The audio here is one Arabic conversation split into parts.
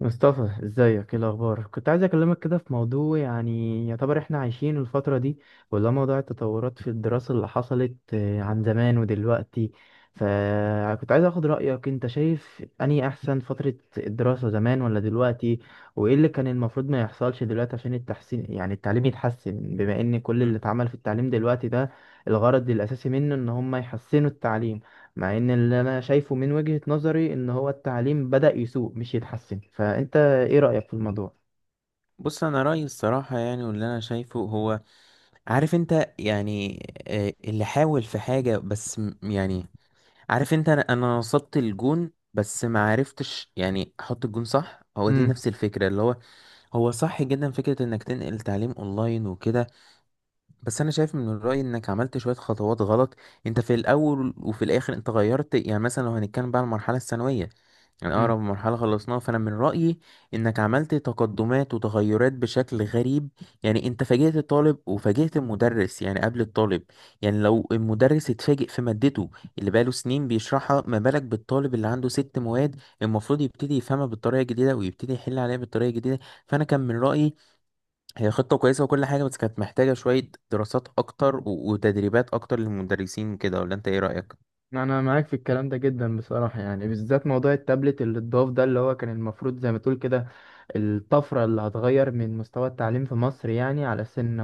مصطفى ازيك، ايه الاخبار؟ كنت عايز اكلمك كده في موضوع، يعني يعتبر احنا عايشين الفتره دي، ولا موضوع التطورات في الدراسه اللي حصلت عن زمان ودلوقتي. فكنت عايز اخد رايك، انت شايف اني احسن فتره الدراسه زمان ولا دلوقتي؟ وايه اللي كان المفروض ما يحصلش دلوقتي عشان التحسين، يعني التعليم يتحسن؟ بما ان كل اللي مم. اتعمل في التعليم دلوقتي ده الغرض الاساسي منه ان هم يحسنوا التعليم، مع ان اللي انا شايفه من وجهة نظري ان هو التعليم بدأ يسوء مش يتحسن. فانت ايه رأيك في الموضوع؟ بص انا رايي الصراحه، يعني واللي انا شايفه هو، عارف انت. يعني اللي حاول في حاجه بس يعني، عارف انت، انا وصلت الجون بس ما عرفتش يعني احط الجون صح. هو دي امم. نفس الفكره اللي هو، هو صح جدا فكره انك تنقل تعليم اونلاين وكده. بس انا شايف من الراي انك عملت شويه خطوات غلط. انت في الاول وفي الاخر انت غيرت، يعني مثلا لو هنتكلم بقى على المرحله الثانويه، يعني أقرب امم. مرحلة خلصناها، فأنا من رأيي إنك عملت تقدمات وتغيرات بشكل غريب. يعني أنت فاجئت الطالب وفاجئت المدرس، يعني قبل الطالب، يعني لو المدرس اتفاجئ في مادته اللي بقاله سنين بيشرحها، ما بالك بالطالب اللي عنده ست مواد المفروض يبتدي يفهمها بالطريقة الجديدة ويبتدي يحل عليها بالطريقة الجديدة. فأنا كان من رأيي هي خطة كويسة وكل حاجة، بس كانت محتاجة شوية دراسات أكتر وتدريبات أكتر للمدرسين كده، ولا أنت إيه رأيك؟ انا معاك في الكلام ده جدا بصراحه، يعني بالذات موضوع التابلت اللي اتضاف ده، اللي هو كان المفروض زي ما تقول كده الطفرة اللي هتغير من مستوى التعليم في مصر، يعني على أساس إن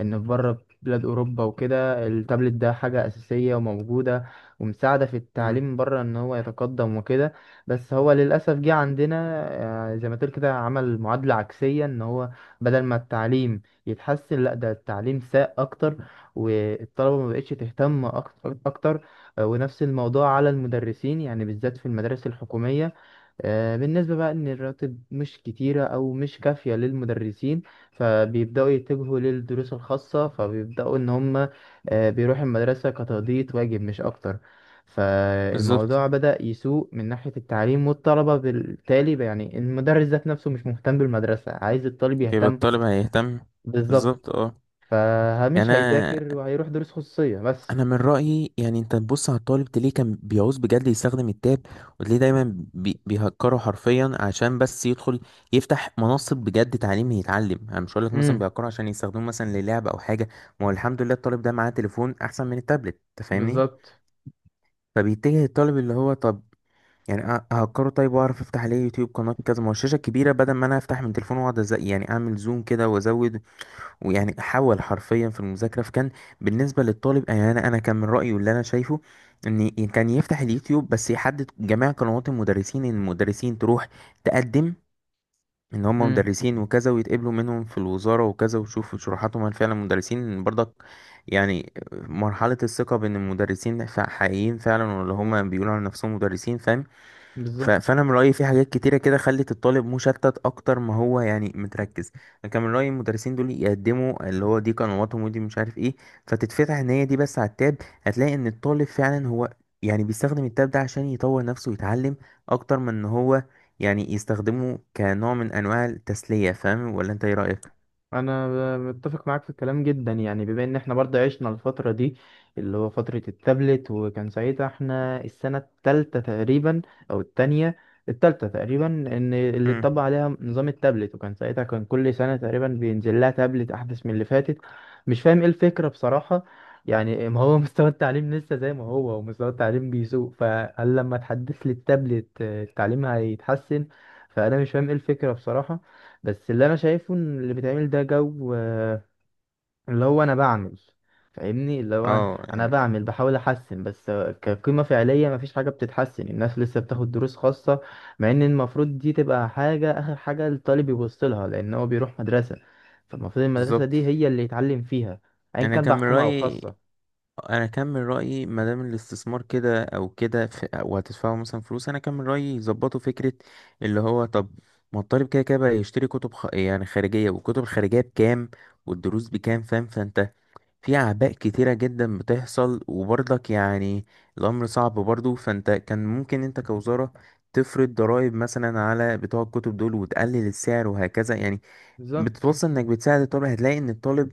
في بره بلاد أوروبا وكده التابلت ده حاجة أساسية وموجودة ومساعدة في مم. التعليم بره، إن هو يتقدم وكده. بس هو للأسف جه عندنا زي ما تقول كده، عمل معادلة عكسية، إن هو بدل ما التعليم يتحسن، لأ، ده التعليم ساء أكتر، والطلبة ما بقتش تهتم أكتر. ونفس الموضوع على المدرسين، يعني بالذات في المدارس الحكومية، بالنسبة بقى إن الرواتب مش كتيرة أو مش كافية للمدرسين، فبيبدأوا يتجهوا للدروس الخاصة، فبيبدأوا إن هم بيروحوا المدرسة كتقضية واجب مش أكتر. بالظبط. فالموضوع بدأ يسوء من ناحية التعليم والطلبة، بالتالي بقى، يعني المدرس ذات نفسه مش مهتم بالمدرسة، عايز الطالب يبقى يهتم؟ الطالب هيهتم. بالظبط. بالظبط، اه. يعني فمش انا هيذاكر وهيروح دروس خصوصية بس. انا من رايي، يعني انت تبص على الطالب تلاقيه كان بيعوز بجد يستخدم التاب، وتلاقيه دايما بيهكره حرفيا عشان بس يدخل يفتح منصه بجد تعليم يتعلم. انا مش هقول لك مثلا امم. بيهكره عشان يستخدموه مثلا للعب او حاجه. ما هو الحمد لله الطالب ده معاه تليفون احسن من التابلت، أنت فاهمني. بالظبط. فبيتجه الطالب اللي هو، طب يعني اهكره طيب واعرف افتح عليه يوتيوب قناه كذا، ما هو الشاشه كبيره بدل ما انا افتح من تليفون واقعد يعني اعمل زوم كده وازود، ويعني حاول حرفيا في المذاكرة. فكان بالنسبة للطالب، يعني أنا كان من رأيي واللي أنا شايفه إن كان يفتح اليوتيوب بس يحدد جميع قنوات المدرسين، إن المدرسين تروح تقدم إن هم امم. مدرسين وكذا، ويتقبلوا منهم في الوزارة وكذا، ويشوفوا شروحاتهم هل فعلا مدرسين إن برضك، يعني مرحلة الثقة بين المدرسين حقيقيين فعلا، ولا هم بيقولوا عن نفسهم مدرسين، فاهم. بالظبط. فانا من رايي في حاجات كتيره كده خلت الطالب مشتت اكتر ما هو يعني متركز. انا كان من رايي المدرسين دول يقدموا اللي هو دي قنواتهم، ودي مش عارف ايه، فتتفتح ان هي دي بس على التاب. هتلاقي ان الطالب فعلا هو يعني بيستخدم التاب ده عشان يطور نفسه ويتعلم، اكتر من ان هو يعني يستخدمه كنوع من انواع التسليه، فاهم ولا انت ايه رايك؟ انا متفق معاك في الكلام جدا، يعني بما ان احنا برضه عشنا الفتره دي، اللي هو فتره التابلت، وكان ساعتها احنا السنه الثالثه تقريبا، او الثانيه، الثالثه تقريبا، ان اللي امم. اتطبق عليها نظام التابلت. وكان ساعتها كان كل سنه تقريبا بينزل لها تابلت احدث من اللي فاتت. مش فاهم ايه الفكره بصراحه، يعني ما هو مستوى التعليم لسه زي ما هو، ومستوى التعليم بيسوء، فهل لما تحدث لي التابلت التعليم هيتحسن؟ فانا مش فاهم ايه الفكره بصراحه. بس اللي انا شايفه ان اللي بيتعمل ده جو اللي هو انا بعمل فاهمني اللي هو انا اه، أنا يعني، بعمل بحاول احسن، بس كقيمة فعلية مفيش حاجة بتتحسن، الناس لسه بتاخد دروس خاصة، مع ان المفروض دي تبقى حاجة اخر حاجة الطالب يبص لها، لان هو بيروح مدرسة، فالمفروض المدرسة بالظبط. دي هي اللي يتعلم فيها، ايا انا كان كان بقى من حكومة او رايي خاصة. انا كان من رايي ما دام الاستثمار كده او كده، وهتدفعوا مثلا فلوس، انا كان من رايي يظبطوا فكره اللي هو، طب ما الطالب كده كده بقى يشتري كتب يعني خارجيه، والكتب الخارجيه بكام والدروس بكام، فاهم. فانت في اعباء كتيره جدا بتحصل، وبرضك يعني الامر صعب برضه. فانت كان ممكن انت كوزاره تفرض ضرائب مثلا على بتوع الكتب دول وتقلل السعر وهكذا، يعني بالظبط. بتتوصل انك بتساعد الطالب. هتلاقي ان الطالب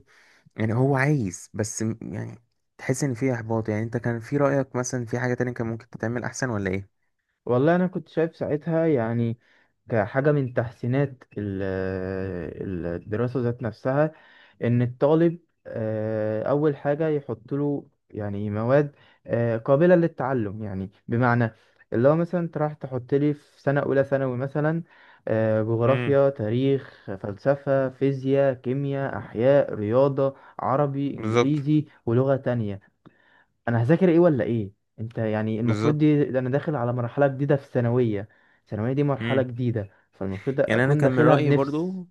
يعني هو عايز، بس يعني تحس ان في احباط. يعني انت كان في رأيك مثلا في حاجة تانية كان ممكن تتعمل احسن، ولا ايه؟ والله انا كنت شايف ساعتها، يعني كحاجة من تحسينات الدراسة ذات نفسها، ان الطالب اول حاجه يحط له، يعني مواد قابله للتعلم، يعني بمعنى اللي هو مثلا انت راح تحط لي في سنه اولى ثانوي مثلا امم. جغرافيا، تاريخ، فلسفه، فيزياء، كيمياء، احياء، رياضه، عربي، بالظبط. انجليزي، ولغه تانية، انا هذاكر ايه ولا ايه؟ انت يعني المفروض بالظبط. دي، ده انا داخل على مرحله جديده في الثانويه، الثانويه دي مرحله امم. جديده، فالمفروض يعني انا اكون كان من داخلها رأيي بنفس. برضو،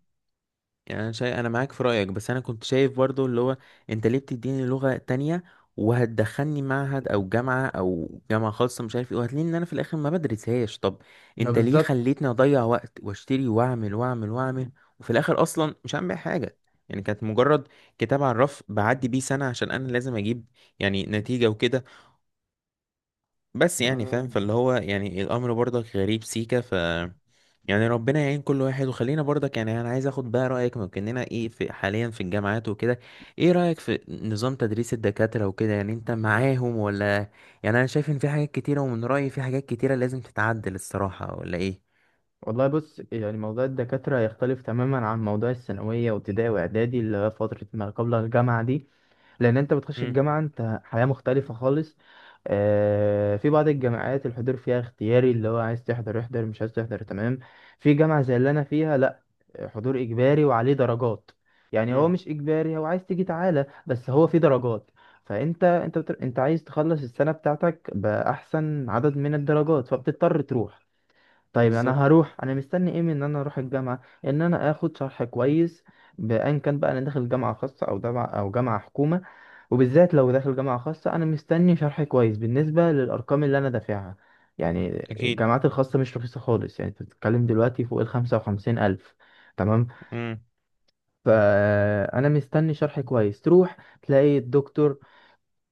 يعني انا شايف، انا معاك في رايك، بس انا كنت شايف برضو اللي هو، انت ليه بتديني لغه تانية وهتدخلني معهد او جامعه، او جامعه خاصه مش عارف ايه، وهتلاقيني ان انا في الاخر ما بدرسهاش. طب ما انت ليه بالظبط. خليتني اضيع وقت واشتري واعمل واعمل واعمل، وفي الاخر اصلا مش هعمل بيها حاجه. يعني كانت مجرد كتاب على الرف بعدي بيه سنه عشان انا لازم اجيب يعني نتيجه وكده. بس يعني فاهم، آه. فاللي هو يعني الامر برضك غريب سيكا، ف يعني ربنا يعين كل واحد. وخلينا برضك، يعني انا عايز اخد بقى رايك، ممكننا ايه في حاليا في الجامعات وكده، ايه رايك في نظام تدريس الدكاتره وكده؟ يعني انت معاهم ولا؟ يعني انا شايف ان في حاجات كتيره، ومن رايي في حاجات كتيره لازم تتعدل الصراحه، ولا ايه؟ والله بص، يعني موضوع الدكاترة يختلف تماما عن موضوع الثانوية وابتدائي وإعدادي، اللي هي فترة ما قبل الجامعة دي، لأن أنت بتخش امم. الجامعة أنت حياة مختلفة خالص. في بعض الجامعات الحضور فيها اختياري، اللي هو عايز تحضر احضر، مش عايز تحضر، تمام. في جامعة زي اللي أنا فيها، لأ، حضور إجباري وعليه درجات، يعني هو امم. مش إجباري، هو عايز تيجي تعالى، بس هو في درجات. فأنت أنت عايز تخلص السنة بتاعتك بأحسن عدد من الدرجات، فبتضطر تروح. طيب انا بالظبط. هروح، انا مستني ايه من ان انا اروح الجامعه؟ ان انا اخد شرح كويس، بان كان بقى انا داخل جامعه خاصه او جامعه او جامعه حكومه، وبالذات لو داخل جامعه خاصه انا مستني شرح كويس بالنسبه للارقام اللي انا دافعها. يعني اكيد. الجامعات الخاصه مش رخيصه خالص، يعني انت بتتكلم دلوقتي فوق الخمسة وخمسين الف. تمام. امم. فانا مستني شرح كويس. تروح تلاقي الدكتور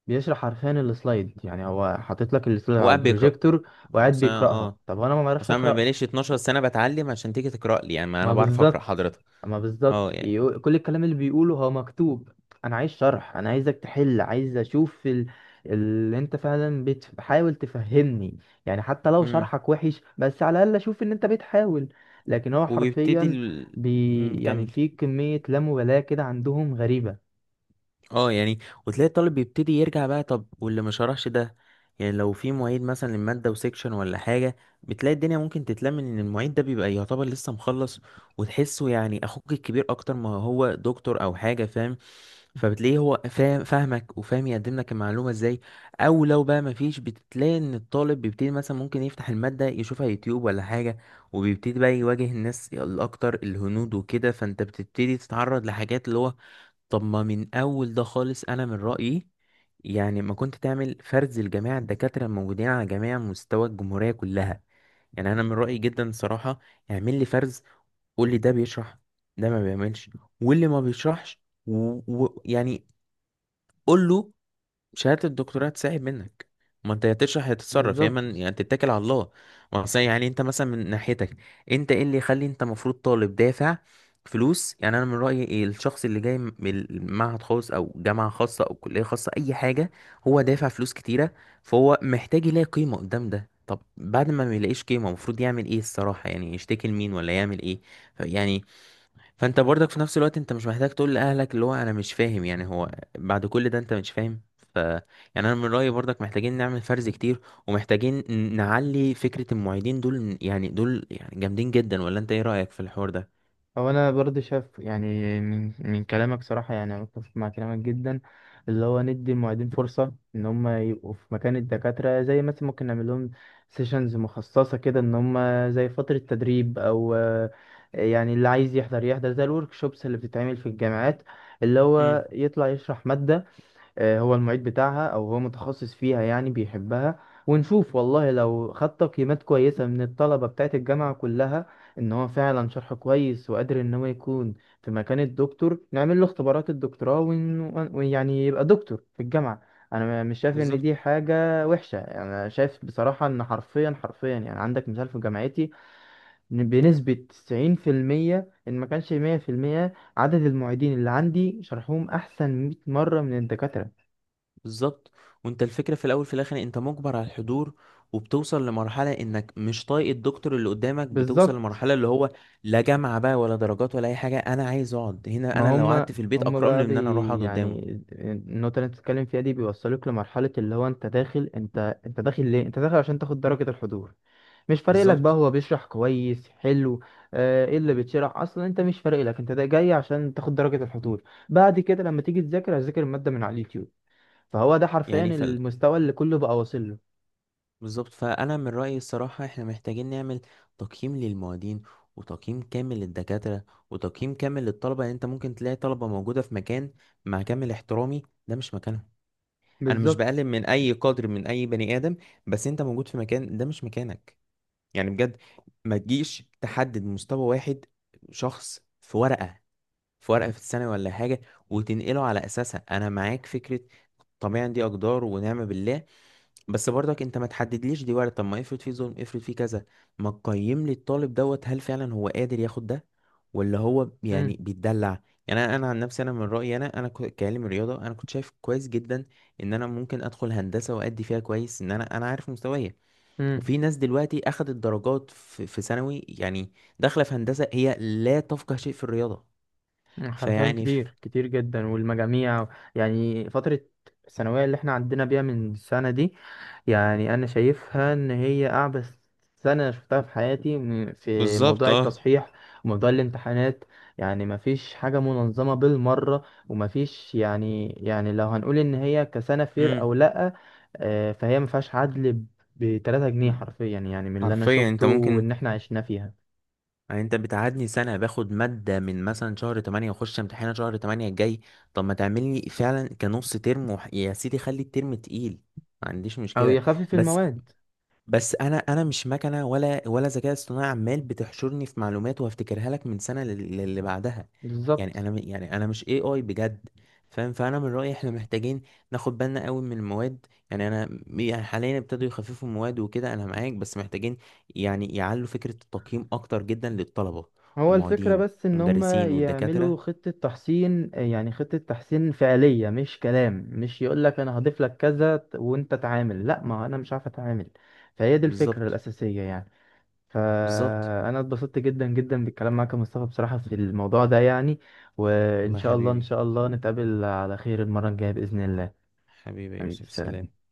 بيشرح حرفيا السلايد، يعني هو حاطط لك السلايد هو على قاعد بيقرا. البروجيكتور وقاعد بس بيقراها. اه. طب انا ما بعرفش بس انا ما اقراها؟ بقاليش 12 سنه بتعلم عشان تيجي تقرا لي، يعني ما ما انا بعرف اقرا بالظبط. حضرتك. ما بالظبط. اه، يعني، كل الكلام اللي بيقوله هو مكتوب. انا عايز شرح، انا عايزك تحل، عايز اشوف اللي انت فعلا بتحاول تفهمني، يعني حتى لو امم. شرحك وحش بس على الاقل اشوف ان انت بتحاول. لكن هو وبيبتدي حرفيا ال... مم، يعني كمل. في كمية لا مبالاة كده عندهم غريبة. اه، يعني، وتلاقي الطالب بيبتدي يرجع بقى، طب واللي ما شرحش ده، يعني لو في معيد مثلا للمادة وسيكشن ولا حاجة، بتلاقي الدنيا ممكن تتلم ان المعيد ده بيبقى يعتبر لسه مخلص، وتحسه يعني اخوك الكبير اكتر ما هو دكتور او حاجة، فاهم. فبتلاقيه هو فاهم فاهمك، وفاهم يقدم لك المعلومة ازاي. او لو بقى مفيش، بتلاقي ان الطالب بيبتدي مثلا ممكن يفتح المادة يشوفها يوتيوب ولا حاجة، وبيبتدي بقى يواجه الناس الاكتر الهنود وكده، فانت بتبتدي تتعرض لحاجات اللي هو، طب ما من اول ده خالص، انا من رأيي يعني ما كنت تعمل فرز لجميع الدكاترة الموجودين على جميع مستوى الجمهورية كلها. يعني انا من رأيي جدا صراحة، اعمل لي فرز، قول لي ده بيشرح، ده ما بيعملش، واللي ما بيشرحش، ويعني يعني قول له شهادة الدكتوراه تساعد منك، ما انت يا تشرح يا تتصرف يا اما بالظبط. يعني تتكل على الله. ما أصل يعني انت مثلا من ناحيتك، انت ايه اللي يخلي انت المفروض طالب دافع فلوس، يعني انا من رأيي، إيه الشخص اللي جاي من معهد خاص او جامعة خاصة او كلية خاصة، اي حاجة، هو دافع فلوس كتيرة، فهو محتاج يلاقي قيمة قدام ده. طب بعد ما ما يلاقيش قيمة، المفروض يعمل ايه الصراحة؟ يعني يشتكي لمين ولا يعمل ايه؟ يعني فانت برضك في نفس الوقت انت مش محتاج تقول لاهلك اللي هو انا مش فاهم، يعني هو بعد كل ده انت مش فاهم. ف يعني انا من رايي برضك محتاجين نعمل فرز كتير، ومحتاجين نعلي فكره المعيدين دول، يعني دول يعني جامدين جدا، ولا انت ايه رايك في الحوار ده؟ هو انا برضه شايف، يعني من كلامك صراحه، يعني انا متفق مع كلامك جدا، اللي هو ندي المعيدين فرصه ان هم يبقوا في مكان الدكاتره، زي مثلا ممكن نعمل لهم سيشنز مخصصه كده، ان هم زي فتره تدريب او يعني اللي عايز يحضر يحضر، زي الورك شوبس اللي بتتعمل في الجامعات، اللي امم. هو يطلع يشرح ماده هو المعيد بتاعها او هو متخصص فيها، يعني بيحبها. ونشوف والله، لو خد تقييمات كويسة من الطلبة بتاعت الجامعة كلها ان هو فعلا شرحه كويس وقادر ان هو يكون في مكان الدكتور، نعمل له اختبارات الدكتوراه، ويعني يبقى دكتور في الجامعة. انا مش شايف ان بالظبط. دي حاجة وحشة، يعني انا شايف بصراحة ان حرفيا حرفيا، يعني عندك مثال في جامعتي، إن بنسبة 90% ان ما كانش 100%، عدد المعيدين اللي عندي شرحهم احسن 100 مرة من الدكاترة. بالظبط. وانت الفكره في الاول في الاخر انت مجبر على الحضور، وبتوصل لمرحله انك مش طايق الدكتور اللي قدامك، بتوصل بالظبط. لمرحله اللي هو لا جامعه بقى ولا درجات ولا اي حاجه، انا عايز اقعد هنا، ما انا لو هم، قعدت في البيت هم اكرم لي بقى من ان انا اروح بي، اقعد يعني قدامه. النقطة اللي انت بتتكلم فيها دي بيوصلوك لمرحلة، اللي هو انت داخل، انت داخل ليه؟ انت داخل عشان تاخد درجة الحضور، مش فارق لك بقى بالظبط. هو بيشرح كويس حلو ايه اللي بيتشرح اصلا، انت مش فارق لك، انت ده جاي عشان تاخد درجة الحضور. بعد كده لما تيجي تذاكر، هتذاكر المادة من على اليوتيوب، فهو ده حرفيا يعني المستوى اللي كله بقى واصل له. بالظبط، فأنا من رأيي الصراحة احنا محتاجين نعمل تقييم للمعيدين، وتقييم كامل للدكاترة، وتقييم كامل للطلبة. يعني انت ممكن تلاقي طلبة موجودة في مكان، مع كامل احترامي، ده مش مكانهم. انا مش بالظبط. بقلل من اي قدر من اي بني آدم، بس انت موجود في مكان ده مش مكانك، يعني بجد. ما تجيش تحدد مستوى واحد شخص في ورقة، في الثانوي ولا حاجة، وتنقله على أساسها. أنا معاك فكرة طبيعي، دي أقدار ونعم بالله. بس برضك انت ما تحددليش، دي وارد، طب ما افرض فيه ظلم، افرض فيه كذا. ما تقيم لي الطالب دوت هل فعلا هو قادر ياخد ده، ولا هو يعني امم. بيتدلع؟ يعني انا عن نفسي، انا من رايي انا كعلم رياضه انا كنت شايف كويس جدا ان انا ممكن ادخل هندسه وادي فيها كويس، ان انا عارف مستوايا. امم. وفي ناس دلوقتي اخدت درجات في ثانوي، يعني داخله في هندسه، هي لا تفقه شيء في الرياضه. حرفيا فيعني كتير كتير جدا، والمجاميع، يعني فترة الثانوية اللي احنا عدينا بيها من السنة دي، يعني أنا شايفها إن هي أعبث سنة شفتها في حياتي، في بالظبط، موضوع اه. التصحيح وموضوع الامتحانات، يعني مفيش حاجة منظمة بالمرة، ومفيش، يعني يعني لو هنقول إن هي كسنة فير امم. أو لأ فهي مفيهاش عدل بتلاتة جنيه حرفيا، يعني من اللي أنا حرفيا شفته انت ممكن، وإن احنا عشنا فيها. يعني انت بتقعدني سنة باخد مادة من مثلا شهر 8 واخش امتحانها شهر 8 الجاي، طب ما تعمل لي فعلا كنص ترم يا سيدي خلي الترم تقيل، ما عنديش أو مشكلة. يخفف بس المواد. بس انا مش مكنه ولا ذكاء اصطناعي عمال بتحشرني في معلومات وهفتكرها لك من سنه للي بعدها، يعني بالظبط. انا يعني انا مش اي اي بجد، فاهم. فانا من رايي احنا محتاجين ناخد بالنا قوي من المواد. يعني انا يعني حاليا ابتدوا يخففوا المواد وكده، انا معاك، بس محتاجين يعني يعلوا فكره التقييم اكتر جدا للطلبه، هو الفكرة والمعيدين، بس إن هما والمدرسين، يعملوا والدكاتره. خطة تحسين، يعني خطة تحسين فعلية مش كلام، مش يقولك أنا هضيف لك وأنت تعامل، لأ، ما هو أنا مش عارف أتعامل. فهي دي الفكرة بالظبط. الأساسية يعني. بالظبط. فأنا اتبسطت جدا جدا بالكلام معاك يا مصطفى بصراحة في الموضوع ده يعني. وإن والله يا شاء الله، إن حبيبي. شاء الله نتقابل على خير المرة الجاية بإذن الله. حبيبي يا حبيبي، يوسف، سلام. سلام.